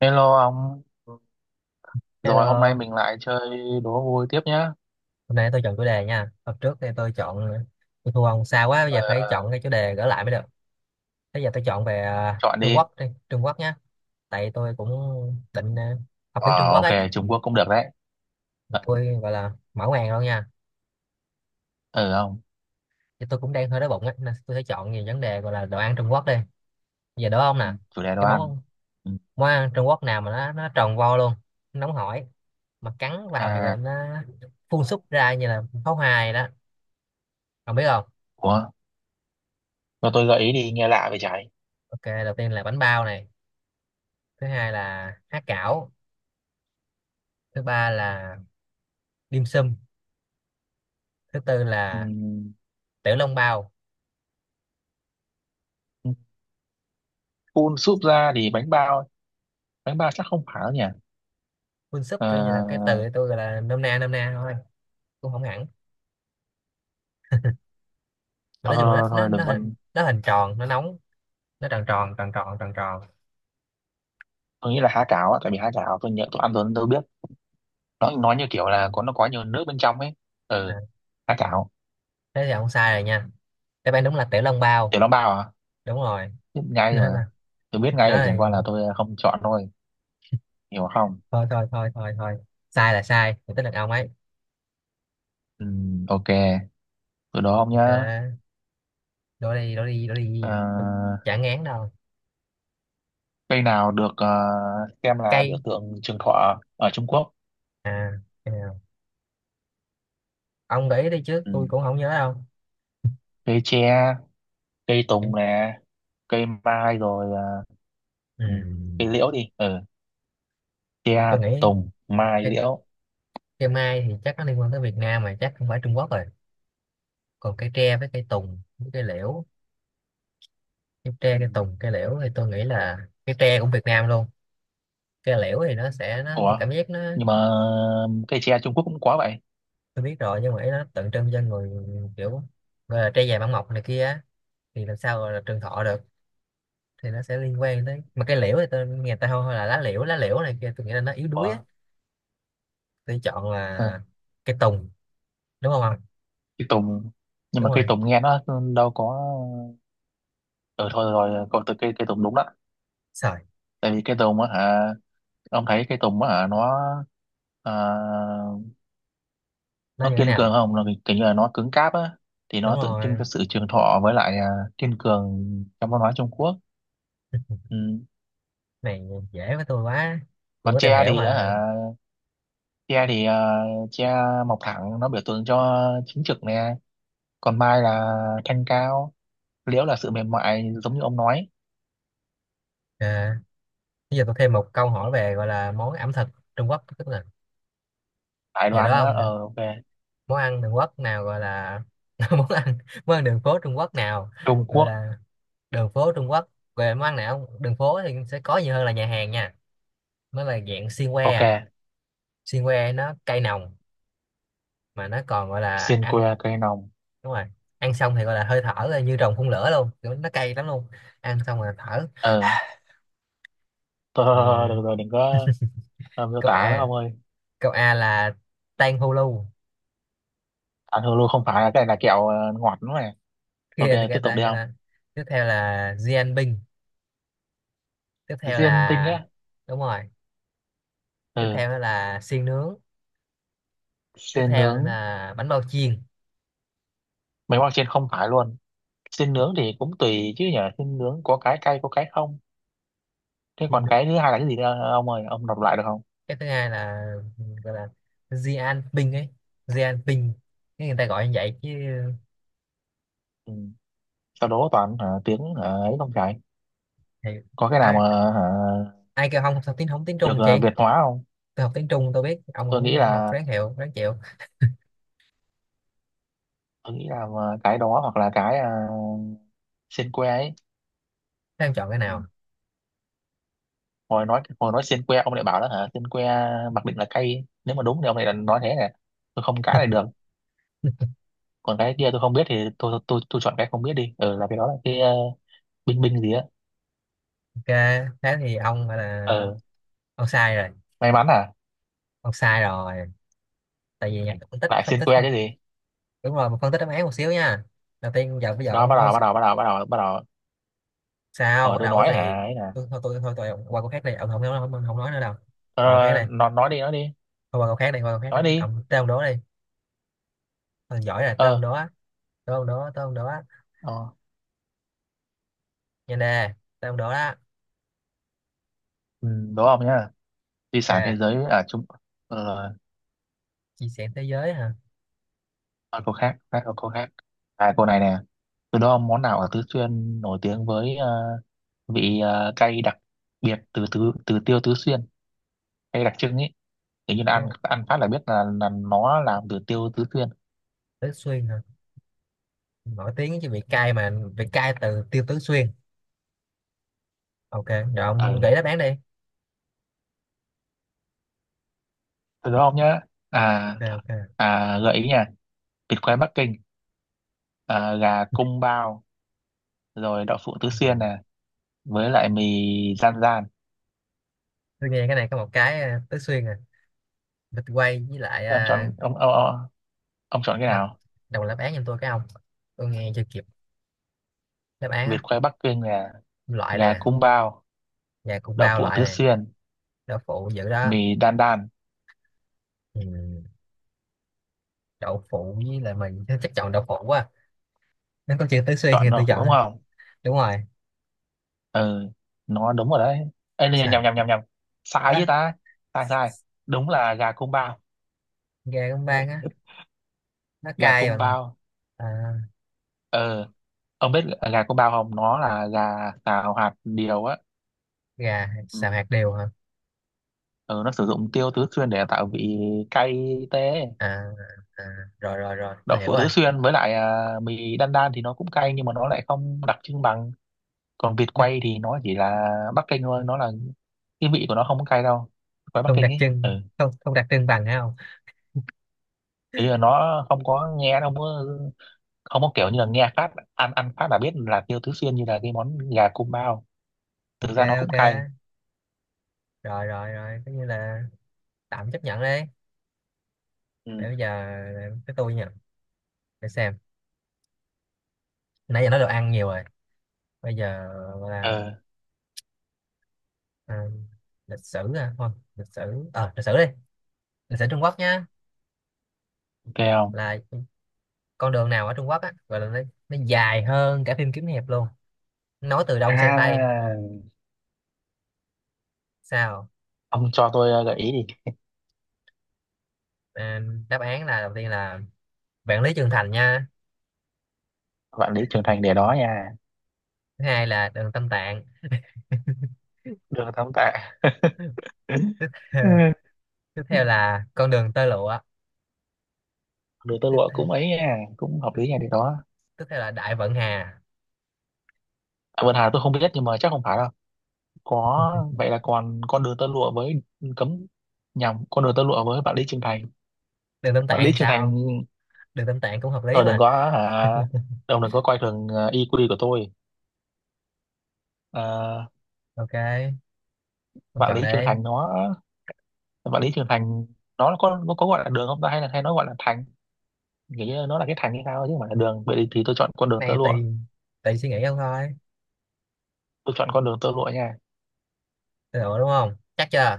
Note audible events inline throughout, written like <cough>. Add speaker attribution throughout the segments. Speaker 1: Hello ông, rồi hôm nay
Speaker 2: Hello,
Speaker 1: mình lại chơi đố vui tiếp nhá.
Speaker 2: hôm nay tôi chọn chủ đề nha. Hôm trước thì tôi chọn tôi thua ông xa quá, bây
Speaker 1: Ờ,
Speaker 2: giờ phải
Speaker 1: ờ,
Speaker 2: chọn cái chủ đề gỡ lại mới được. Bây giờ tôi chọn về
Speaker 1: Chọn
Speaker 2: Trung
Speaker 1: đi.
Speaker 2: Quốc đi, Trung Quốc nhá. Tại tôi cũng định học tiếng Trung
Speaker 1: Ờ,
Speaker 2: Quốc
Speaker 1: ok,
Speaker 2: ấy.
Speaker 1: Trung Quốc cũng được đấy.
Speaker 2: Tụi
Speaker 1: Ờ,
Speaker 2: tôi gọi là mở màn luôn nha.
Speaker 1: ừ, không.
Speaker 2: Thì tôi cũng đang hơi đói bụng ấy, nên tôi sẽ chọn về vấn đề gọi là đồ ăn Trung Quốc đi. Bây giờ đố ông
Speaker 1: Ừ,
Speaker 2: nè,
Speaker 1: chủ đề đồ
Speaker 2: cái
Speaker 1: ăn.
Speaker 2: món
Speaker 1: Ừ.
Speaker 2: món ăn Trung Quốc nào mà nó tròn vo luôn, nó nóng hổi, mà cắn vào thì là
Speaker 1: À,
Speaker 2: nó phun súc ra như là pháo hoa vậy đó. Ông biết không?
Speaker 1: ủa, cho tôi gợi ý đi, nghe lạ vậy trái.
Speaker 2: Ok, đầu tiên là bánh bao này, thứ hai là há cảo, thứ ba là dim sum, thứ tư
Speaker 1: Ừ.
Speaker 2: là tiểu long bao.
Speaker 1: Phun súp ra thì bánh bao chắc không phải đâu nhỉ.
Speaker 2: Quân súp
Speaker 1: Ờ,
Speaker 2: kiểu như là cái từ tôi gọi là nôm na thôi, cũng không hẳn, mà
Speaker 1: Thôi,
Speaker 2: nói chung là
Speaker 1: thôi,
Speaker 2: nó
Speaker 1: thôi,
Speaker 2: nó
Speaker 1: đừng
Speaker 2: nó hình
Speaker 1: còn,
Speaker 2: nó hình tròn nó nóng, nó tròn tròn tròn tròn tròn tròn.
Speaker 1: tôi nghĩ là há cảo á, tại vì há cảo tôi nhớ tôi ăn rồi nên tôi biết. Nó nói như kiểu là có nó có nhiều nước bên trong ấy.
Speaker 2: à,
Speaker 1: Ừ, há cảo,
Speaker 2: Thế thì không sai rồi nha. Đáp án đúng là tiểu long bao.
Speaker 1: tiểu long bao à?
Speaker 2: Đúng rồi.
Speaker 1: Biết
Speaker 2: <laughs>
Speaker 1: ngay mà.
Speaker 2: nó là
Speaker 1: Tôi biết ngay
Speaker 2: nó
Speaker 1: rồi, chẳng qua
Speaker 2: là
Speaker 1: là tôi không chọn thôi. Hiểu không.
Speaker 2: thôi thôi thôi thôi thôi, sai là sai thì tính là ông ấy.
Speaker 1: Ừ, ok, từ đó ông
Speaker 2: Ok,
Speaker 1: nhá.
Speaker 2: đổ đi đổ đi đổ đi, tôi
Speaker 1: Ờ,
Speaker 2: chả ngán đâu.
Speaker 1: Cây nào được xem là biểu
Speaker 2: Cây
Speaker 1: tượng trường thọ ở Trung Quốc.
Speaker 2: à cây nào? Ông gợi ý đi chứ tôi
Speaker 1: Ừ.
Speaker 2: cũng không nhớ đâu.
Speaker 1: Cây tre, cây tùng nè, cây mai rồi,
Speaker 2: Ừ,
Speaker 1: ừ, cây liễu đi. Ừ. Tre,
Speaker 2: tôi nghĩ
Speaker 1: tùng, mai,
Speaker 2: cây,
Speaker 1: liễu.
Speaker 2: cây mai thì chắc nó liên quan tới Việt Nam mà chắc không phải Trung Quốc rồi. Còn cây tre với cây tùng với cây liễu, cây tre
Speaker 1: Ừ.
Speaker 2: cây tùng cây liễu, thì tôi nghĩ là cây tre cũng Việt Nam luôn. Cây liễu thì nó sẽ nó tôi
Speaker 1: Ủa,
Speaker 2: cảm giác nó...
Speaker 1: nhưng mà cây tre Trung Quốc cũng có vậy.
Speaker 2: Tôi biết rồi, nhưng mà ý nó tượng trưng cho người, kiểu gọi là tre già bản mộc này kia á, thì làm sao gọi là trường thọ được, thì nó sẽ liên quan tới. Mà cây liễu thì tôi nghe ta hô là lá liễu này kia, tôi nghĩ là nó yếu đuối á.
Speaker 1: Ủa.
Speaker 2: Tôi chọn
Speaker 1: Ừ.
Speaker 2: là cây tùng, đúng không ạ?
Speaker 1: Cây tùng, nhưng
Speaker 2: Đúng
Speaker 1: mà cây
Speaker 2: rồi.
Speaker 1: tùng nghe nó đâu có. Ừ, thôi rồi cậu, từ cây cây tùng đúng đó.
Speaker 2: Sợi
Speaker 1: Tại vì cây tùng á hả, ông thấy cây tùng á hả, nó, à,
Speaker 2: nó
Speaker 1: nó
Speaker 2: như thế
Speaker 1: kiên cường
Speaker 2: nào?
Speaker 1: không, nó kiểu như là nó cứng cáp á, thì
Speaker 2: Đúng
Speaker 1: nó tượng trưng
Speaker 2: rồi
Speaker 1: cho sự trường thọ với lại kiên cường trong văn hóa Trung Quốc. Ừ.
Speaker 2: này, dễ với tôi quá, tôi
Speaker 1: Còn
Speaker 2: có tìm
Speaker 1: tre
Speaker 2: hiểu
Speaker 1: thì á
Speaker 2: mà.
Speaker 1: hả, tre thì tre mọc thẳng, nó biểu tượng cho chính trực nè. Còn mai là thanh cao, liễu là sự mềm mại giống như ông nói.
Speaker 2: à, Bây giờ tôi thêm một câu hỏi về gọi là món ẩm thực Trung Quốc, tức là
Speaker 1: Đại
Speaker 2: giờ
Speaker 1: đoàn
Speaker 2: đó
Speaker 1: nữa.
Speaker 2: ông,
Speaker 1: Ờ, ok.
Speaker 2: món ăn đường quốc nào gọi là <laughs> món ăn, món ăn đường phố Trung Quốc nào
Speaker 1: Trung
Speaker 2: gọi
Speaker 1: Quốc.
Speaker 2: là đường phố Trung Quốc về món ăn nào không? Đường phố thì sẽ có nhiều hơn là nhà hàng nha. Mới là dạng xiên que,
Speaker 1: Ok.
Speaker 2: xiên que nó cay nồng, mà nó còn gọi là
Speaker 1: Xiên que
Speaker 2: ăn,
Speaker 1: cây nồng.
Speaker 2: đúng rồi, ăn xong thì gọi là hơi thở là như rồng phun lửa luôn, kiểu nó cay lắm luôn, ăn xong là thở.
Speaker 1: Ờ thôi thôi thôi thôi, <laughs>
Speaker 2: Ừ.
Speaker 1: được rồi đừng có, miêu
Speaker 2: Câu
Speaker 1: tả nữa
Speaker 2: a,
Speaker 1: ông ơi.
Speaker 2: câu A là Tang Hulu,
Speaker 1: Ăn hồ lô không phải, cái này là kẹo ngọt đúng không này. Ok,
Speaker 2: kia thì
Speaker 1: tiếp
Speaker 2: kia
Speaker 1: tục
Speaker 2: ta
Speaker 1: đi
Speaker 2: kia
Speaker 1: không.
Speaker 2: ta. Tiếp theo là Binh. Tiếp theo
Speaker 1: Xiên tinh
Speaker 2: là
Speaker 1: á.
Speaker 2: đúng rồi. Tiếp
Speaker 1: Ừ.
Speaker 2: theo đó là xiên nướng. Tiếp
Speaker 1: Xiên
Speaker 2: theo nữa
Speaker 1: nướng.
Speaker 2: là bánh bao chiên.
Speaker 1: Mấy món trên không phải luôn. Xiên nướng thì cũng tùy chứ nhở, xiên nướng có cái cay có cái không. Thế
Speaker 2: Xiên
Speaker 1: còn
Speaker 2: nướng.
Speaker 1: cái thứ hai là cái gì nữa ông ơi, ông đọc lại được không.
Speaker 2: Cái thứ hai là gọi là Binh ấy, Binh, cái người ta gọi như vậy chứ.
Speaker 1: Ừ. Sau đó toàn hả, tiếng hả, ấy không phải.
Speaker 2: Thì
Speaker 1: Có cái nào
Speaker 2: ai,
Speaker 1: mà hả,
Speaker 2: ai kêu không học tiếng, không tiếng
Speaker 1: được
Speaker 2: Trung chị.
Speaker 1: Việt hóa không.
Speaker 2: Tôi học tiếng Trung tôi biết, ông
Speaker 1: tôi
Speaker 2: không
Speaker 1: nghĩ
Speaker 2: không học
Speaker 1: là
Speaker 2: ráng hiệu ráng chịu.
Speaker 1: tôi nghĩ là cái đó hoặc là cái, xiên que ấy.
Speaker 2: Thế em chọn cái
Speaker 1: Ừ.
Speaker 2: nào?
Speaker 1: Hồi nói xiên que ông lại bảo đó hả, xiên que mặc định là cay, nếu mà đúng thì ông lại là nói thế này tôi không cãi lại được. Còn cái kia tôi không biết thì tôi chọn cái không biết đi. Ừ, là cái đó là cái, binh binh gì á.
Speaker 2: Ok, thế thì ông gọi là
Speaker 1: Ừ,
Speaker 2: ông sai rồi,
Speaker 1: may mắn à.
Speaker 2: ông sai rồi, tại vì nhạc phân tích
Speaker 1: Lại
Speaker 2: phân
Speaker 1: xiên
Speaker 2: tích.
Speaker 1: que chứ gì.
Speaker 2: Đúng rồi, mình phân tích đáp án một xíu nha. Đầu tiên giờ bây giờ
Speaker 1: Đó, bắt
Speaker 2: ông không.
Speaker 1: đầu bắt đầu bắt đầu bắt đầu bắt đầu
Speaker 2: Sao
Speaker 1: Rồi
Speaker 2: bắt
Speaker 1: tôi
Speaker 2: đầu cái
Speaker 1: nói hả
Speaker 2: gì?
Speaker 1: ấy nè.
Speaker 2: Tôi thôi tôi thôi tôi, ông qua câu khác đi, ông không nói, không, không nói nữa đâu.
Speaker 1: ờ,
Speaker 2: Qua câu khác đi.
Speaker 1: nó nói đi, nói đi
Speaker 2: Thôi qua câu khác đi, qua câu khác đi,
Speaker 1: nói đi
Speaker 2: ông tới ông đố đi. Ông giỏi rồi tới ông
Speaker 1: ờ
Speaker 2: đố á, tới ông đố á.
Speaker 1: ờ
Speaker 2: Nhanh nè, tới ông đố đó.
Speaker 1: ừ, đúng không nhá. Di sản thế
Speaker 2: Ok.
Speaker 1: giới à chúng. Ờ.
Speaker 2: Chia sẻ thế giới hả?
Speaker 1: À, cô khác, khác cô khác. À cô này nè. Từ đó món nào ở Tứ Xuyên nổi tiếng với vị, cay đặc biệt từ từ từ tiêu Tứ Xuyên, cay đặc trưng ấy, tự nhiên ăn,
Speaker 2: Đúng,
Speaker 1: ăn phát là biết là nó làm từ tiêu Tứ Xuyên.
Speaker 2: Tứ Xuyên hả? Nổi tiếng chứ bị cay mà, bị cay từ Tiêu Tứ Xuyên. Ok rồi
Speaker 1: Ờ,
Speaker 2: ông gửi đáp án đi.
Speaker 1: từ đó không nhá. À.
Speaker 2: Ok ok.
Speaker 1: À, gợi ý nha. Vịt quay Bắc Kinh, gà cung bao, rồi đậu phụ Tứ Xuyên
Speaker 2: Ừ.
Speaker 1: nè, với lại mì gian gian.
Speaker 2: Tôi nghe cái này có một cái Tứ Xuyên vịt quay với lại
Speaker 1: Thế ông chọn, ông chọn cái
Speaker 2: đọc,
Speaker 1: nào.
Speaker 2: đọc đáp án giùm tôi cái ông, tôi nghe chưa kịp đáp án
Speaker 1: Vịt
Speaker 2: á.
Speaker 1: quay Bắc Kinh nè.
Speaker 2: Loại
Speaker 1: Gà
Speaker 2: nè,
Speaker 1: cung bao.
Speaker 2: gà cũng
Speaker 1: Đậu
Speaker 2: bao
Speaker 1: phụ
Speaker 2: loại
Speaker 1: Tứ
Speaker 2: này,
Speaker 1: Xuyên.
Speaker 2: đậu phụ dữ đó.
Speaker 1: Mì đan đan.
Speaker 2: Ừ, đậu phụ với lại mình chắc chọn đậu phụ quá, nó có chữ tứ xuyên thì
Speaker 1: Chọn đậu
Speaker 2: tôi
Speaker 1: phụ
Speaker 2: chọn.
Speaker 1: đúng không.
Speaker 2: Đúng rồi.
Speaker 1: Ừ, nó đúng rồi đấy. Ê, nhầm
Speaker 2: Trời
Speaker 1: nhầm nhầm nhầm nhầm
Speaker 2: á.
Speaker 1: sai với ta. Sai sai Đúng là gà cung bao.
Speaker 2: Gà con bang á, nó
Speaker 1: Gà
Speaker 2: cay
Speaker 1: cung
Speaker 2: bằng.
Speaker 1: bao.
Speaker 2: À,
Speaker 1: Ờ, ông biết gà cung bao không, nó là gà xào hạt điều á.
Speaker 2: gà
Speaker 1: Ừ.
Speaker 2: xào hạt điều hả
Speaker 1: Ờ, nó sử dụng tiêu Tứ Xuyên để tạo vị cay tê.
Speaker 2: à, à, rồi rồi rồi tôi
Speaker 1: Đậu
Speaker 2: hiểu
Speaker 1: phụ
Speaker 2: rồi.
Speaker 1: Tứ Xuyên với lại mì đan đan thì nó cũng cay nhưng mà nó lại không đặc trưng bằng. Còn vịt
Speaker 2: Đây,
Speaker 1: quay thì nó chỉ là Bắc Kinh thôi, nó là cái vị của nó không có cay đâu. Quay Bắc
Speaker 2: không
Speaker 1: Kinh
Speaker 2: đặc
Speaker 1: ấy.
Speaker 2: trưng,
Speaker 1: Ừ,
Speaker 2: không không đặc trưng bằng hả? Không.
Speaker 1: thì là nó không có nghe, nó không có, không có kiểu như là nghe phát, ăn, ăn phát là biết là tiêu Tứ Xuyên như là cái món gà cung bao. Thực
Speaker 2: Ok
Speaker 1: ra nó cũng
Speaker 2: ok,
Speaker 1: cay.
Speaker 2: rồi rồi rồi, coi như là tạm chấp nhận đấy.
Speaker 1: Ừ.
Speaker 2: Để bây giờ tới tôi nha, để xem, nãy giờ nói đồ ăn nhiều rồi, bây giờ gọi là
Speaker 1: Ờ,
Speaker 2: à, lịch sử à? Thôi lịch sử, ờ lịch sử đi, lịch sử Trung Quốc nhá.
Speaker 1: ok, không
Speaker 2: Là con đường nào ở Trung Quốc á gọi là nó dài hơn cả phim kiếm hiệp luôn, nói từ đông sang tây.
Speaker 1: à.
Speaker 2: Sao?
Speaker 1: Ông cho tôi gợi ý đi.
Speaker 2: à, đáp án là, đầu tiên là Vạn Lý Trường Thành nha,
Speaker 1: Vạn Lý Trường Thành để đó nha.
Speaker 2: thứ hai là đường Tam Tạng
Speaker 1: Được tấm tạ.
Speaker 2: <laughs> tiếp
Speaker 1: <laughs> Ừ.
Speaker 2: theo, tiếp theo là con đường tơ lụa,
Speaker 1: Đường tơ <laughs>
Speaker 2: tiếp
Speaker 1: lụa
Speaker 2: theo,
Speaker 1: cũng ấy nha, cũng hợp
Speaker 2: tiếp,
Speaker 1: lý nha, để đó.
Speaker 2: tiếp theo là Đại Vận Hà.
Speaker 1: À, vườn Hà tôi không biết nhưng mà chắc không phải đâu. Có vậy là còn con đường tơ lụa với, cấm nhầm con đường tơ lụa với Vạn Lý Trường Thành.
Speaker 2: Đường Tam
Speaker 1: Vạn
Speaker 2: Tạng
Speaker 1: Lý
Speaker 2: thì
Speaker 1: Trường
Speaker 2: sao không?
Speaker 1: Thành.
Speaker 2: Đường Tam Tạng cũng hợp lý
Speaker 1: Thôi đừng
Speaker 2: mà.
Speaker 1: có hả, ông đừng có coi thường IQ của tôi. À,
Speaker 2: Ok, ông
Speaker 1: Vạn
Speaker 2: chọn
Speaker 1: Lý Trường
Speaker 2: đây.
Speaker 1: Thành nó, Vạn Lý Trường Thành nó có, nó có gọi là đường không ta hay là hay nó gọi là thành, nghĩ như nó là cái thành hay sao chứ không phải là đường vậy thì tôi chọn con đường tơ
Speaker 2: Này
Speaker 1: lụa.
Speaker 2: tùy, tùy suy nghĩ ông thôi.
Speaker 1: Tôi chọn con đường tơ lụa nha.
Speaker 2: Được đúng không? Chắc chưa?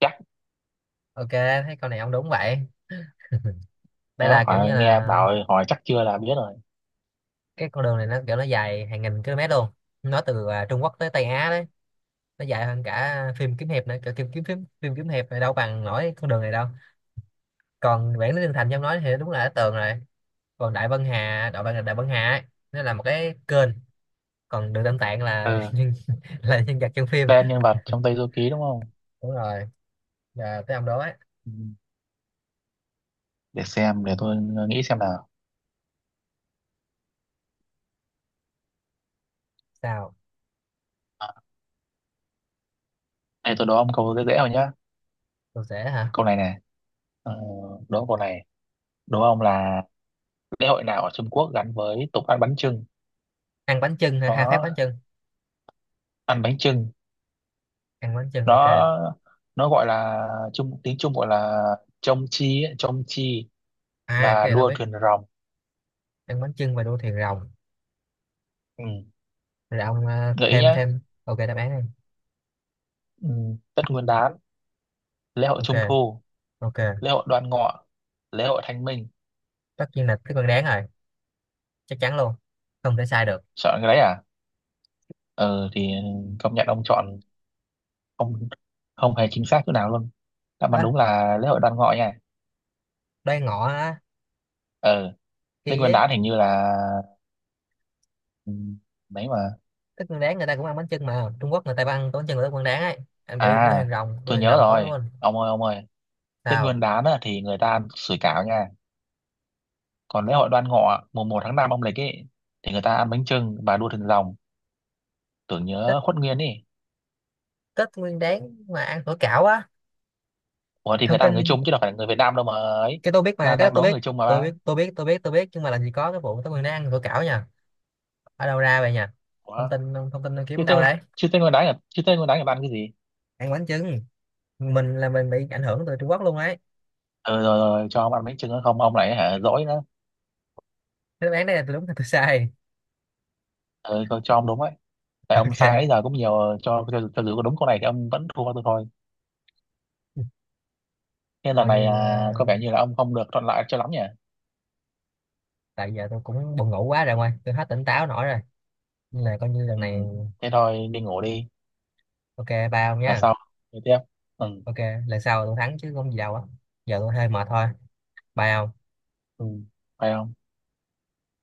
Speaker 1: Chắc.
Speaker 2: Ok, thấy con này ông đúng vậy. Đây
Speaker 1: Đó,
Speaker 2: là kiểu như
Speaker 1: hỏi nghe
Speaker 2: là
Speaker 1: bảo hỏi chắc chưa là biết rồi.
Speaker 2: cái con đường này nó kiểu nó dài hàng nghìn km luôn. Nó từ Trung Quốc tới Tây Á đấy. Nó dài hơn cả phim kiếm hiệp nữa. Kiểu phim kiếm phim kiếm hiệp này đâu bằng nổi con đường này đâu. Còn Vạn Lý Trường Thành trong nói thì đúng là đã tường rồi. Còn Đại Vân Hà, Đại Vân Hà ấy, nó là một cái kênh. Còn đường Tam Tạng là <laughs>
Speaker 1: Ừ.
Speaker 2: nhân, là nhân vật trong phim.
Speaker 1: Tên nhân vật trong Tây Du Ký đúng không.
Speaker 2: Đúng rồi. Giờ tới ông đó ấy.
Speaker 1: Ừ. Để xem, để tôi nghĩ xem nào.
Speaker 2: Sao?
Speaker 1: À, đây tôi đố ông câu dễ dễ rồi nhá.
Speaker 2: Tôi sẽ hả?
Speaker 1: Câu này nè. ờ, đố câu này, đố ông là lễ hội nào ở Trung Quốc gắn với tục ăn bánh chưng.
Speaker 2: Ăn bánh chưng, hả? Hai phát bánh
Speaker 1: Nó
Speaker 2: chưng.
Speaker 1: ăn bánh chưng.
Speaker 2: Ăn bánh chưng ok.
Speaker 1: nó nó gọi là chung, tiếng Trung gọi là chông chi ấy, chông chi
Speaker 2: À,
Speaker 1: và
Speaker 2: cái này tôi
Speaker 1: đua
Speaker 2: biết,
Speaker 1: thuyền rồng.
Speaker 2: ăn bánh chưng và đua thuyền rồng.
Speaker 1: Ừ.
Speaker 2: Rồi ông
Speaker 1: Gợi ý
Speaker 2: thêm
Speaker 1: nhá.
Speaker 2: thêm ok đáp án đi.
Speaker 1: Ừ. Tết Nguyên Đán, lễ hội
Speaker 2: Ok
Speaker 1: Trung Thu,
Speaker 2: ok,
Speaker 1: lễ hội Đoan Ngọ, lễ hội Thanh Minh.
Speaker 2: tất nhiên là tết nguyên đáng rồi, chắc chắn luôn, không thể sai được.
Speaker 1: Chọn cái đấy à. Ừ thì công nhận ông chọn không, không hề chính xác chỗ nào luôn. Đáp án
Speaker 2: Á,
Speaker 1: đúng là lễ hội Đoan Ngọ nha.
Speaker 2: đây ngọ á,
Speaker 1: Ừ. Tết
Speaker 2: kỳ
Speaker 1: Nguyên
Speaker 2: ấy.
Speaker 1: Đán hình như là, ừ, đấy mà.
Speaker 2: Thức ăn đáng người ta cũng ăn bánh chưng mà, Trung Quốc người ta ăn bánh chưng của tết nguyên đáng ấy, ăn đuổi đuôi
Speaker 1: À
Speaker 2: hàng rồng, đuôi
Speaker 1: tôi
Speaker 2: hàng
Speaker 1: nhớ
Speaker 2: rồng có
Speaker 1: rồi,
Speaker 2: luôn.
Speaker 1: ông ơi ông ơi. Tết Nguyên
Speaker 2: Sao?
Speaker 1: Đán á, thì người ta ăn sủi cảo nha. Còn lễ hội Đoan Ngọ mùng 1 tháng 5 âm lịch ấy, thì người ta ăn bánh chưng và đua thuyền rồng tưởng
Speaker 2: Tết
Speaker 1: nhớ Khuất Nguyên ấy.
Speaker 2: tết nguyên đán mà ăn phở cảo á?
Speaker 1: Ủa thì người
Speaker 2: Thông
Speaker 1: ta là người
Speaker 2: tin,
Speaker 1: Trung chứ đâu phải là người Việt Nam đâu mà ấy.
Speaker 2: cái tôi biết mà cái
Speaker 1: đang
Speaker 2: đó
Speaker 1: đang
Speaker 2: tôi
Speaker 1: đố
Speaker 2: biết,
Speaker 1: người Trung mà
Speaker 2: tôi
Speaker 1: ba.
Speaker 2: biết tôi biết tôi biết tôi biết, nhưng mà làm gì có cái vụ Tết Nguyên Đán ăn phở cảo nha. Ở đâu ra vậy nha?
Speaker 1: Ủa,
Speaker 2: Thông tin thông tin
Speaker 1: chứ
Speaker 2: kiếm đâu
Speaker 1: tên,
Speaker 2: đấy.
Speaker 1: chứ tên con đái là, chứ tên con đái là ăn cái gì.
Speaker 2: Ăn bánh chưng. Mình là mình bị ảnh hưởng từ Trung Quốc luôn đấy.
Speaker 1: Ừ, rồi, rồi cho ông ăn bánh chưng nữa không ông lại hả dỗi nữa.
Speaker 2: Thế đáp án này là tôi đúng hay tôi sai?
Speaker 1: Ừ, cho ông đúng ấy, tại
Speaker 2: <laughs>
Speaker 1: ông
Speaker 2: Ok,
Speaker 1: sai ấy giờ cũng nhiều, cho dù có đúng câu này thì ông vẫn thua tôi thôi. Nên lần
Speaker 2: coi
Speaker 1: này
Speaker 2: như
Speaker 1: có vẻ như là ông không được thuận lợi cho lắm nhỉ.
Speaker 2: tại giờ tôi cũng buồn ngủ quá rồi, ngoài tôi hết tỉnh táo nổi rồi, nên là coi như lần
Speaker 1: Ừ,
Speaker 2: này.
Speaker 1: thế thôi đi ngủ đi.
Speaker 2: Ok, bao
Speaker 1: Là
Speaker 2: nha.
Speaker 1: sau. Tiếp. Ừ.
Speaker 2: Ok, lần sau tôi thắng chứ không gì đâu á, giờ tôi hơi mệt thôi, bao.
Speaker 1: Ừ. Phải không.